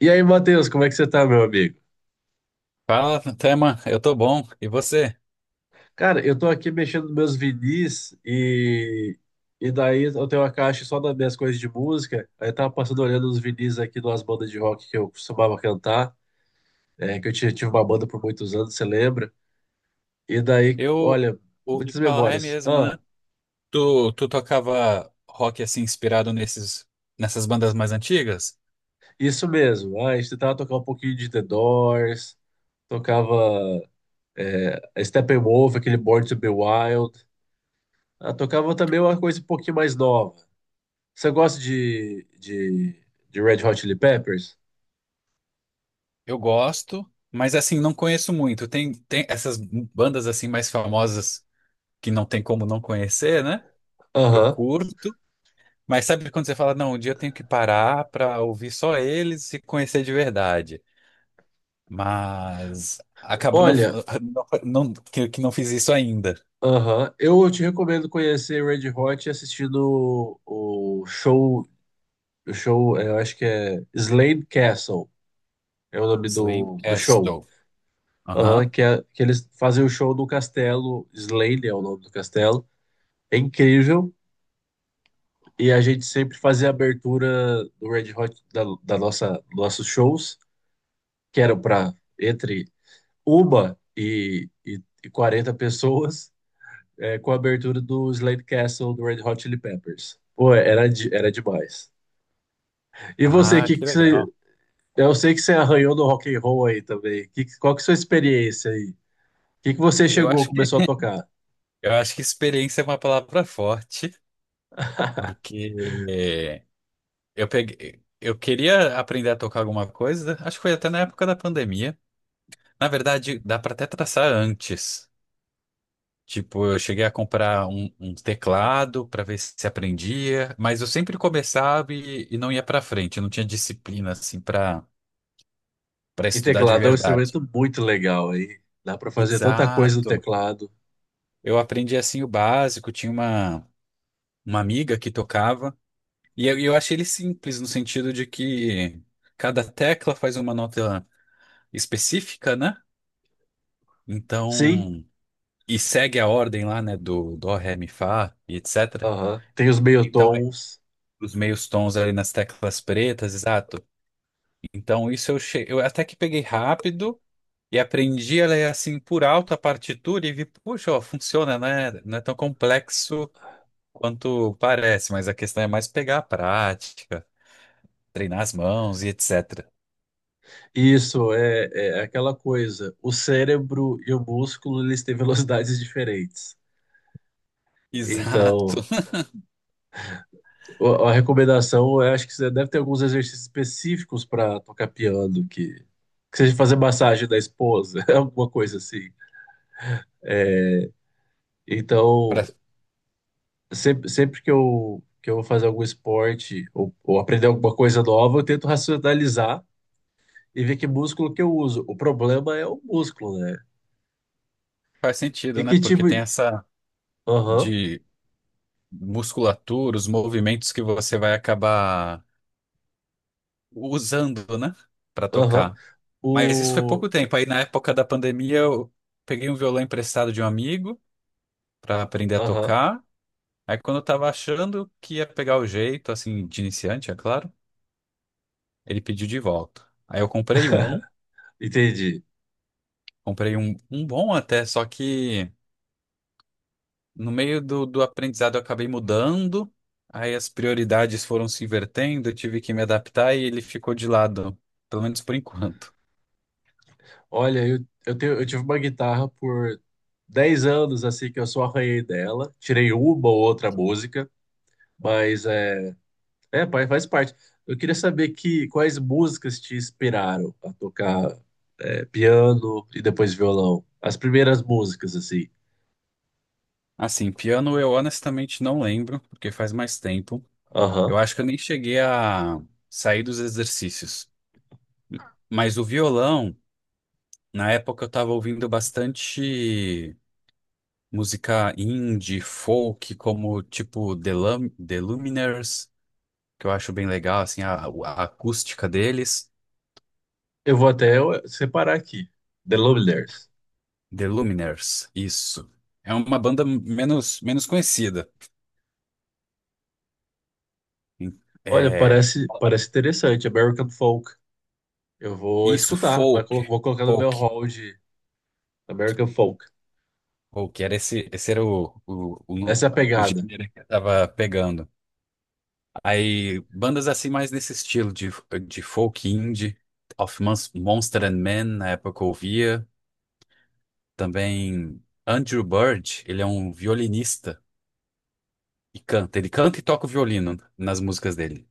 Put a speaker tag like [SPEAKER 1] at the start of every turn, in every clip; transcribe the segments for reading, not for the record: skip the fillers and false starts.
[SPEAKER 1] E aí, Matheus, como é que você tá, meu amigo?
[SPEAKER 2] Fala, Tema, eu tô bom. E você?
[SPEAKER 1] Cara, eu tô aqui mexendo nos meus vinis e daí eu tenho uma caixa só das minhas coisas de música. Aí eu tava passando olhando os vinis aqui de umas bandas de rock que eu costumava cantar, que eu tive uma banda por muitos anos, você lembra? E daí,
[SPEAKER 2] Eu
[SPEAKER 1] olha, muitas
[SPEAKER 2] ouvi falar, é
[SPEAKER 1] memórias.
[SPEAKER 2] mesmo, né?
[SPEAKER 1] Ah,
[SPEAKER 2] Tu tocava rock assim inspirado nessas bandas mais antigas?
[SPEAKER 1] isso mesmo. Ah, a gente tentava tocar um pouquinho de The Doors, tocava Steppenwolf, aquele Born to Be Wild. Ah, tocava também uma coisa um pouquinho mais nova. Você gosta de Red Hot Chili Peppers?
[SPEAKER 2] Eu gosto, mas assim, não conheço muito. Tem essas bandas assim mais famosas que não tem como não conhecer, né? Eu
[SPEAKER 1] Aham.
[SPEAKER 2] curto, mas sabe quando você fala, não, um dia eu tenho que parar pra ouvir só eles e conhecer de verdade. Mas acabo não,
[SPEAKER 1] Olha,
[SPEAKER 2] não, não que não fiz isso ainda.
[SPEAKER 1] aham, eu te recomendo conhecer Red Hot assistindo o show, eu acho que é Slade Castle, é o nome
[SPEAKER 2] Slim
[SPEAKER 1] do show.
[SPEAKER 2] Castle. Aham.
[SPEAKER 1] Aham, que eles fazem o show no castelo, Slade é o nome do castelo. É incrível. E a gente sempre fazia a abertura do Red Hot da nossa nossos shows, que era para entre Uma e 40 pessoas com a abertura do Slade Castle do Red Hot Chili Peppers. Pô, era demais. E você,
[SPEAKER 2] Ah, que legal.
[SPEAKER 1] eu sei que você arranhou no rock and roll aí também. Qual que é a sua experiência aí? O que você
[SPEAKER 2] Eu acho que
[SPEAKER 1] começou a tocar?
[SPEAKER 2] eu acho que experiência é uma palavra forte, porque eu peguei, eu queria aprender a tocar alguma coisa, acho que foi até na época da pandemia. Na verdade, dá para até traçar antes. Tipo, eu cheguei a comprar um teclado para ver se aprendia, mas eu sempre começava e não ia para frente, eu não tinha disciplina assim para para
[SPEAKER 1] E
[SPEAKER 2] estudar de
[SPEAKER 1] teclado é um
[SPEAKER 2] verdade.
[SPEAKER 1] instrumento muito legal aí. Dá pra fazer tanta coisa no
[SPEAKER 2] Exato.
[SPEAKER 1] teclado.
[SPEAKER 2] Eu aprendi assim o básico, tinha uma amiga que tocava. E eu achei ele simples no sentido de que cada tecla faz uma nota específica, né?
[SPEAKER 1] Sim,
[SPEAKER 2] Então, e segue a ordem lá, né, do dó, ré, mi, fá e etc.
[SPEAKER 1] aham. Tem os meio
[SPEAKER 2] Então,
[SPEAKER 1] tons.
[SPEAKER 2] os meios tons ali nas teclas pretas, exato. Então, isso eu, eu até que peguei rápido e aprendi ela é assim por alto a partitura e vi, puxa, ó, funciona, né? Não é tão complexo quanto parece, mas a questão é mais pegar a prática, treinar as mãos e etc.
[SPEAKER 1] Isso é aquela coisa. O cérebro e o músculo eles têm velocidades diferentes. Então,
[SPEAKER 2] Exato.
[SPEAKER 1] a recomendação, eu acho que você deve ter alguns exercícios específicos para tocar piano, que seja fazer massagem da esposa, alguma coisa assim. Então,
[SPEAKER 2] Pra-
[SPEAKER 1] sempre que eu vou fazer algum esporte ou aprender alguma coisa nova, eu tento racionalizar e ver que músculo que eu uso. O problema é o músculo, né?
[SPEAKER 2] Faz
[SPEAKER 1] E
[SPEAKER 2] sentido, né?
[SPEAKER 1] que
[SPEAKER 2] Porque
[SPEAKER 1] tipo.
[SPEAKER 2] tem essa
[SPEAKER 1] Aham,
[SPEAKER 2] de musculatura, os movimentos que você vai acabar usando, né? Pra
[SPEAKER 1] aham.
[SPEAKER 2] tocar. Mas isso foi
[SPEAKER 1] O.
[SPEAKER 2] pouco tempo. Aí na época da pandemia eu peguei um violão emprestado de um amigo pra aprender a
[SPEAKER 1] Aham,
[SPEAKER 2] tocar. Aí quando eu tava achando que ia pegar o jeito, assim, de iniciante, é claro, ele pediu de volta. Aí eu
[SPEAKER 1] entendi.
[SPEAKER 2] comprei um bom até, só que no meio do aprendizado, eu acabei mudando, aí as prioridades foram se invertendo, eu tive que me adaptar e ele ficou de lado, pelo menos por enquanto.
[SPEAKER 1] Olha, eu tive uma guitarra por 10 anos, assim, que eu só arranhei dela. Tirei uma ou outra música, mas faz parte. Eu queria saber quais músicas te inspiraram a tocar piano e depois violão. As primeiras músicas, assim.
[SPEAKER 2] Assim, piano eu honestamente não lembro, porque faz mais tempo.
[SPEAKER 1] Aham.
[SPEAKER 2] Eu acho que eu nem cheguei a sair dos exercícios. Mas o violão, na época eu tava ouvindo bastante música indie, folk, como tipo The Lumineers, que eu acho bem legal, assim, a acústica deles.
[SPEAKER 1] Eu vou até separar aqui. The Lumineers.
[SPEAKER 2] The Lumineers, isso. É uma banda menos conhecida.
[SPEAKER 1] Olha,
[SPEAKER 2] É,
[SPEAKER 1] parece interessante. American Folk. Eu vou
[SPEAKER 2] isso,
[SPEAKER 1] escutar, vai colo-
[SPEAKER 2] folk,
[SPEAKER 1] vou colocar no meu
[SPEAKER 2] folk,
[SPEAKER 1] hall de American Folk.
[SPEAKER 2] folk. Era esse era o,
[SPEAKER 1] Essa é
[SPEAKER 2] no-
[SPEAKER 1] a
[SPEAKER 2] o
[SPEAKER 1] pegada.
[SPEAKER 2] gênero que eu tava pegando. Aí, bandas assim mais nesse estilo de folk indie, of Monster and Men, na época eu ouvia. Também Andrew Bird, ele é um violinista e canta. Ele canta e toca o violino nas músicas dele.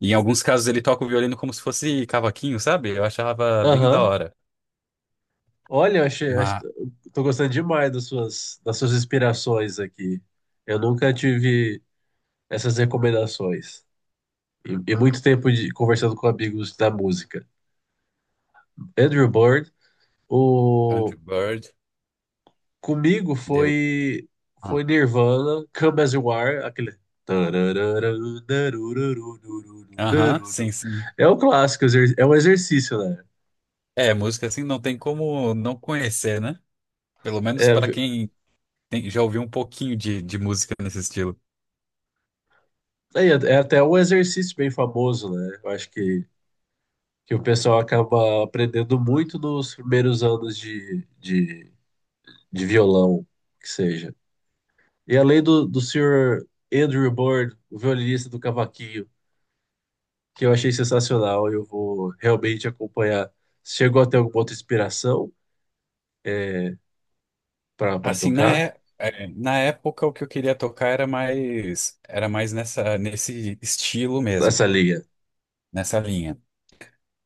[SPEAKER 2] E em alguns casos ele toca o violino como se fosse cavaquinho, sabe? Eu achava bem da
[SPEAKER 1] Aham.
[SPEAKER 2] hora.
[SPEAKER 1] Olha,
[SPEAKER 2] Mas
[SPEAKER 1] tô gostando demais das suas inspirações aqui. Eu nunca tive essas recomendações. E muito tempo de conversando com amigos da música. Andrew Bird,
[SPEAKER 2] Andrew
[SPEAKER 1] o
[SPEAKER 2] Bird,
[SPEAKER 1] comigo
[SPEAKER 2] The...
[SPEAKER 1] foi
[SPEAKER 2] ah,
[SPEAKER 1] Nirvana, Come As You Are, aquele.
[SPEAKER 2] aham, sim, sim.
[SPEAKER 1] É um clássico, é um exercício, né?
[SPEAKER 2] É, música assim não tem como não conhecer, né? Pelo menos
[SPEAKER 1] É,
[SPEAKER 2] para quem já ouviu um pouquinho de música nesse estilo.
[SPEAKER 1] é, é até um exercício bem famoso, né? Eu acho que o pessoal acaba aprendendo muito nos primeiros anos de violão, que seja. E além do senhor Andrew Bird, o violinista do cavaquinho, que eu achei sensacional, eu vou realmente acompanhar. Chegou até alguma outra inspiração é, para
[SPEAKER 2] Assim,
[SPEAKER 1] tocar
[SPEAKER 2] na época o que eu queria tocar era mais nessa nesse estilo mesmo,
[SPEAKER 1] nessa linha?
[SPEAKER 2] nessa linha.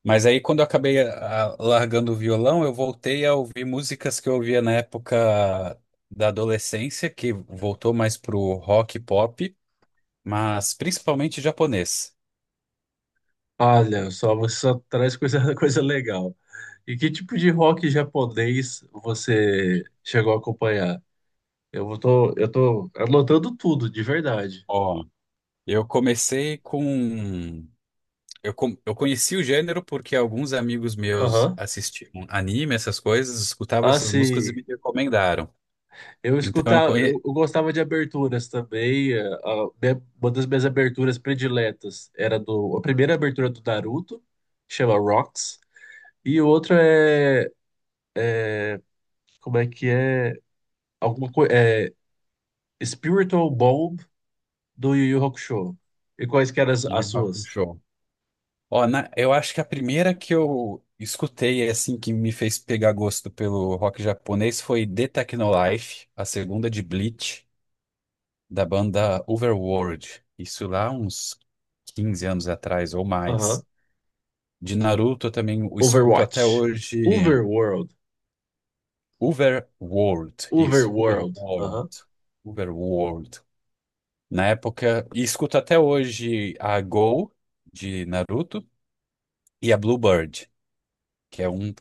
[SPEAKER 2] Mas aí, quando eu acabei largando o violão, eu voltei a ouvir músicas que eu ouvia na época da adolescência, que voltou mais pro rock e pop, mas principalmente japonês.
[SPEAKER 1] Olha, só você só traz coisa, coisa legal. E que tipo de rock japonês você chegou a acompanhar? Eu tô anotando tudo, de verdade.
[SPEAKER 2] Ó, eu comecei com. Eu, eu conheci o gênero porque alguns amigos meus
[SPEAKER 1] Aham.
[SPEAKER 2] assistiam anime, essas coisas, escutavam
[SPEAKER 1] Ah,
[SPEAKER 2] essas músicas e
[SPEAKER 1] sim,
[SPEAKER 2] me recomendaram.
[SPEAKER 1] eu
[SPEAKER 2] Então eu
[SPEAKER 1] escutava. eu,
[SPEAKER 2] conheci.
[SPEAKER 1] eu gostava de aberturas também. Uma das minhas aberturas prediletas era a primeira abertura do Naruto, que chama Rocks, e outra é, como é que é? Alguma coisa, é Spiritual Bomb do Yu Yu Hakusho. E quais que eram as suas?
[SPEAKER 2] Ó, eu acho que a primeira que eu escutei, assim, que me fez pegar gosto pelo rock japonês foi The Technolife, a segunda de Bleach, da banda Overworld. Isso lá uns 15 anos atrás ou
[SPEAKER 1] Aham.
[SPEAKER 2] mais. De Naruto eu também o escuto até
[SPEAKER 1] Overwatch.
[SPEAKER 2] hoje.
[SPEAKER 1] Overworld.
[SPEAKER 2] Overworld, isso,
[SPEAKER 1] Overworld.
[SPEAKER 2] Overworld,
[SPEAKER 1] Aham.
[SPEAKER 2] Overworld. Na época, e escuto até hoje a Go de Naruto e a Bluebird, que é um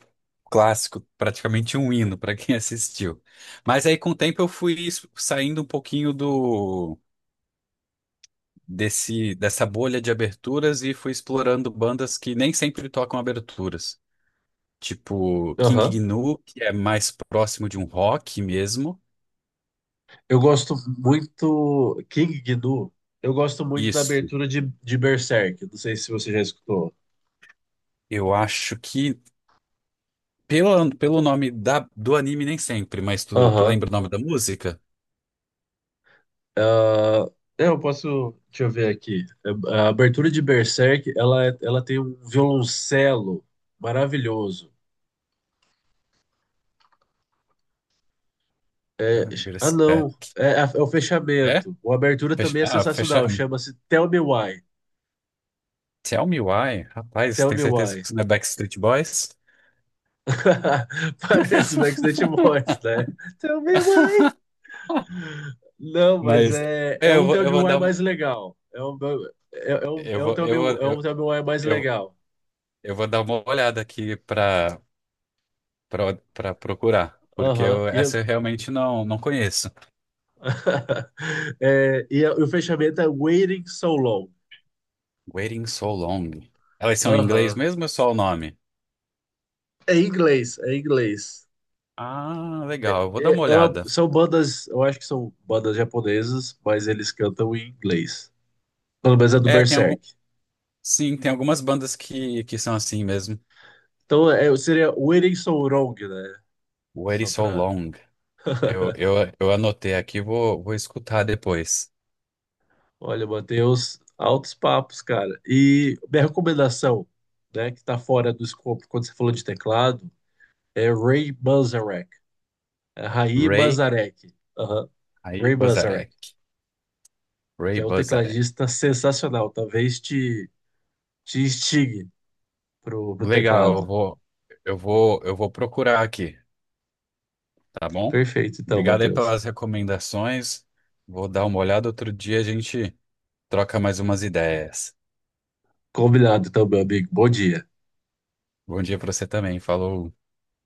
[SPEAKER 2] clássico, praticamente um hino para quem assistiu. Mas aí com o tempo eu fui saindo um pouquinho do desse dessa bolha de aberturas e fui explorando bandas que nem sempre tocam aberturas, tipo King
[SPEAKER 1] Aham.
[SPEAKER 2] Gnu, que é mais próximo de um rock mesmo.
[SPEAKER 1] Eu gosto muito. King Gnu. Eu gosto muito da
[SPEAKER 2] Isso.
[SPEAKER 1] abertura de Berserk. Não sei se você já escutou.
[SPEAKER 2] Eu acho que pelo, pelo nome do anime, nem sempre, mas tu
[SPEAKER 1] Aham.
[SPEAKER 2] lembra o nome da música?
[SPEAKER 1] Ah, eu posso. Deixa eu ver aqui. A abertura de Berserk, ela tem um violoncelo maravilhoso. É, ah, não.
[SPEAKER 2] Berserk.
[SPEAKER 1] É, o
[SPEAKER 2] É?
[SPEAKER 1] fechamento. A abertura também é sensacional.
[SPEAKER 2] Fechar.
[SPEAKER 1] Chama-se Tell Me Why.
[SPEAKER 2] Tell me why. Rapaz,
[SPEAKER 1] Tell
[SPEAKER 2] tenho
[SPEAKER 1] Me
[SPEAKER 2] certeza que
[SPEAKER 1] Why.
[SPEAKER 2] isso não é Backstreet Boys.
[SPEAKER 1] Parece o Backstreet Boys, né? Tell me why. Não, mas
[SPEAKER 2] Mas
[SPEAKER 1] é
[SPEAKER 2] é,
[SPEAKER 1] um
[SPEAKER 2] eu vou
[SPEAKER 1] TLBY
[SPEAKER 2] dar uma.
[SPEAKER 1] mais legal. É um, é, é um,
[SPEAKER 2] Eu
[SPEAKER 1] é um
[SPEAKER 2] vou, eu vou,
[SPEAKER 1] TLBY, é um
[SPEAKER 2] eu,
[SPEAKER 1] TLBY mais
[SPEAKER 2] eu,
[SPEAKER 1] legal.
[SPEAKER 2] Eu vou dar uma olhada aqui para para procurar, porque
[SPEAKER 1] Aham.
[SPEAKER 2] eu, essa eu realmente não não conheço.
[SPEAKER 1] O fechamento é Waiting So Long.
[SPEAKER 2] Waiting So Long. Elas são em inglês
[SPEAKER 1] Aham.
[SPEAKER 2] mesmo ou é só o nome?
[SPEAKER 1] É em inglês, é em inglês.
[SPEAKER 2] Ah,
[SPEAKER 1] É,
[SPEAKER 2] legal. Eu vou dar uma olhada.
[SPEAKER 1] são bandas, eu acho que são bandas japonesas, mas eles cantam em inglês. Pelo menos é do
[SPEAKER 2] É, tem algum,
[SPEAKER 1] Berserk.
[SPEAKER 2] sim, tem algumas bandas que são assim mesmo.
[SPEAKER 1] Então seria Waiting So Long, né?
[SPEAKER 2] Waiting
[SPEAKER 1] Só
[SPEAKER 2] So
[SPEAKER 1] pra.
[SPEAKER 2] Long. Eu eu, eu anotei aqui, vou escutar depois.
[SPEAKER 1] Olha, Matheus, altos papos, cara. E minha recomendação, né, que tá fora do escopo quando você falou de teclado, é Ray Manzarek. É Ray
[SPEAKER 2] Ray
[SPEAKER 1] Manzarek. Aham.
[SPEAKER 2] aí
[SPEAKER 1] Ray Manzarek,
[SPEAKER 2] Bozarek. Ray
[SPEAKER 1] que é um
[SPEAKER 2] Bozarek.
[SPEAKER 1] tecladista sensacional. Talvez te instigue pro
[SPEAKER 2] Legal,
[SPEAKER 1] teclado.
[SPEAKER 2] eu vou procurar aqui. Tá bom?
[SPEAKER 1] Perfeito, então,
[SPEAKER 2] Obrigado aí
[SPEAKER 1] Matheus.
[SPEAKER 2] pelas recomendações. Vou dar uma olhada outro dia, a gente troca mais umas ideias.
[SPEAKER 1] Combinado, então, meu amigo. Bom dia.
[SPEAKER 2] Bom dia pra você também. Falou.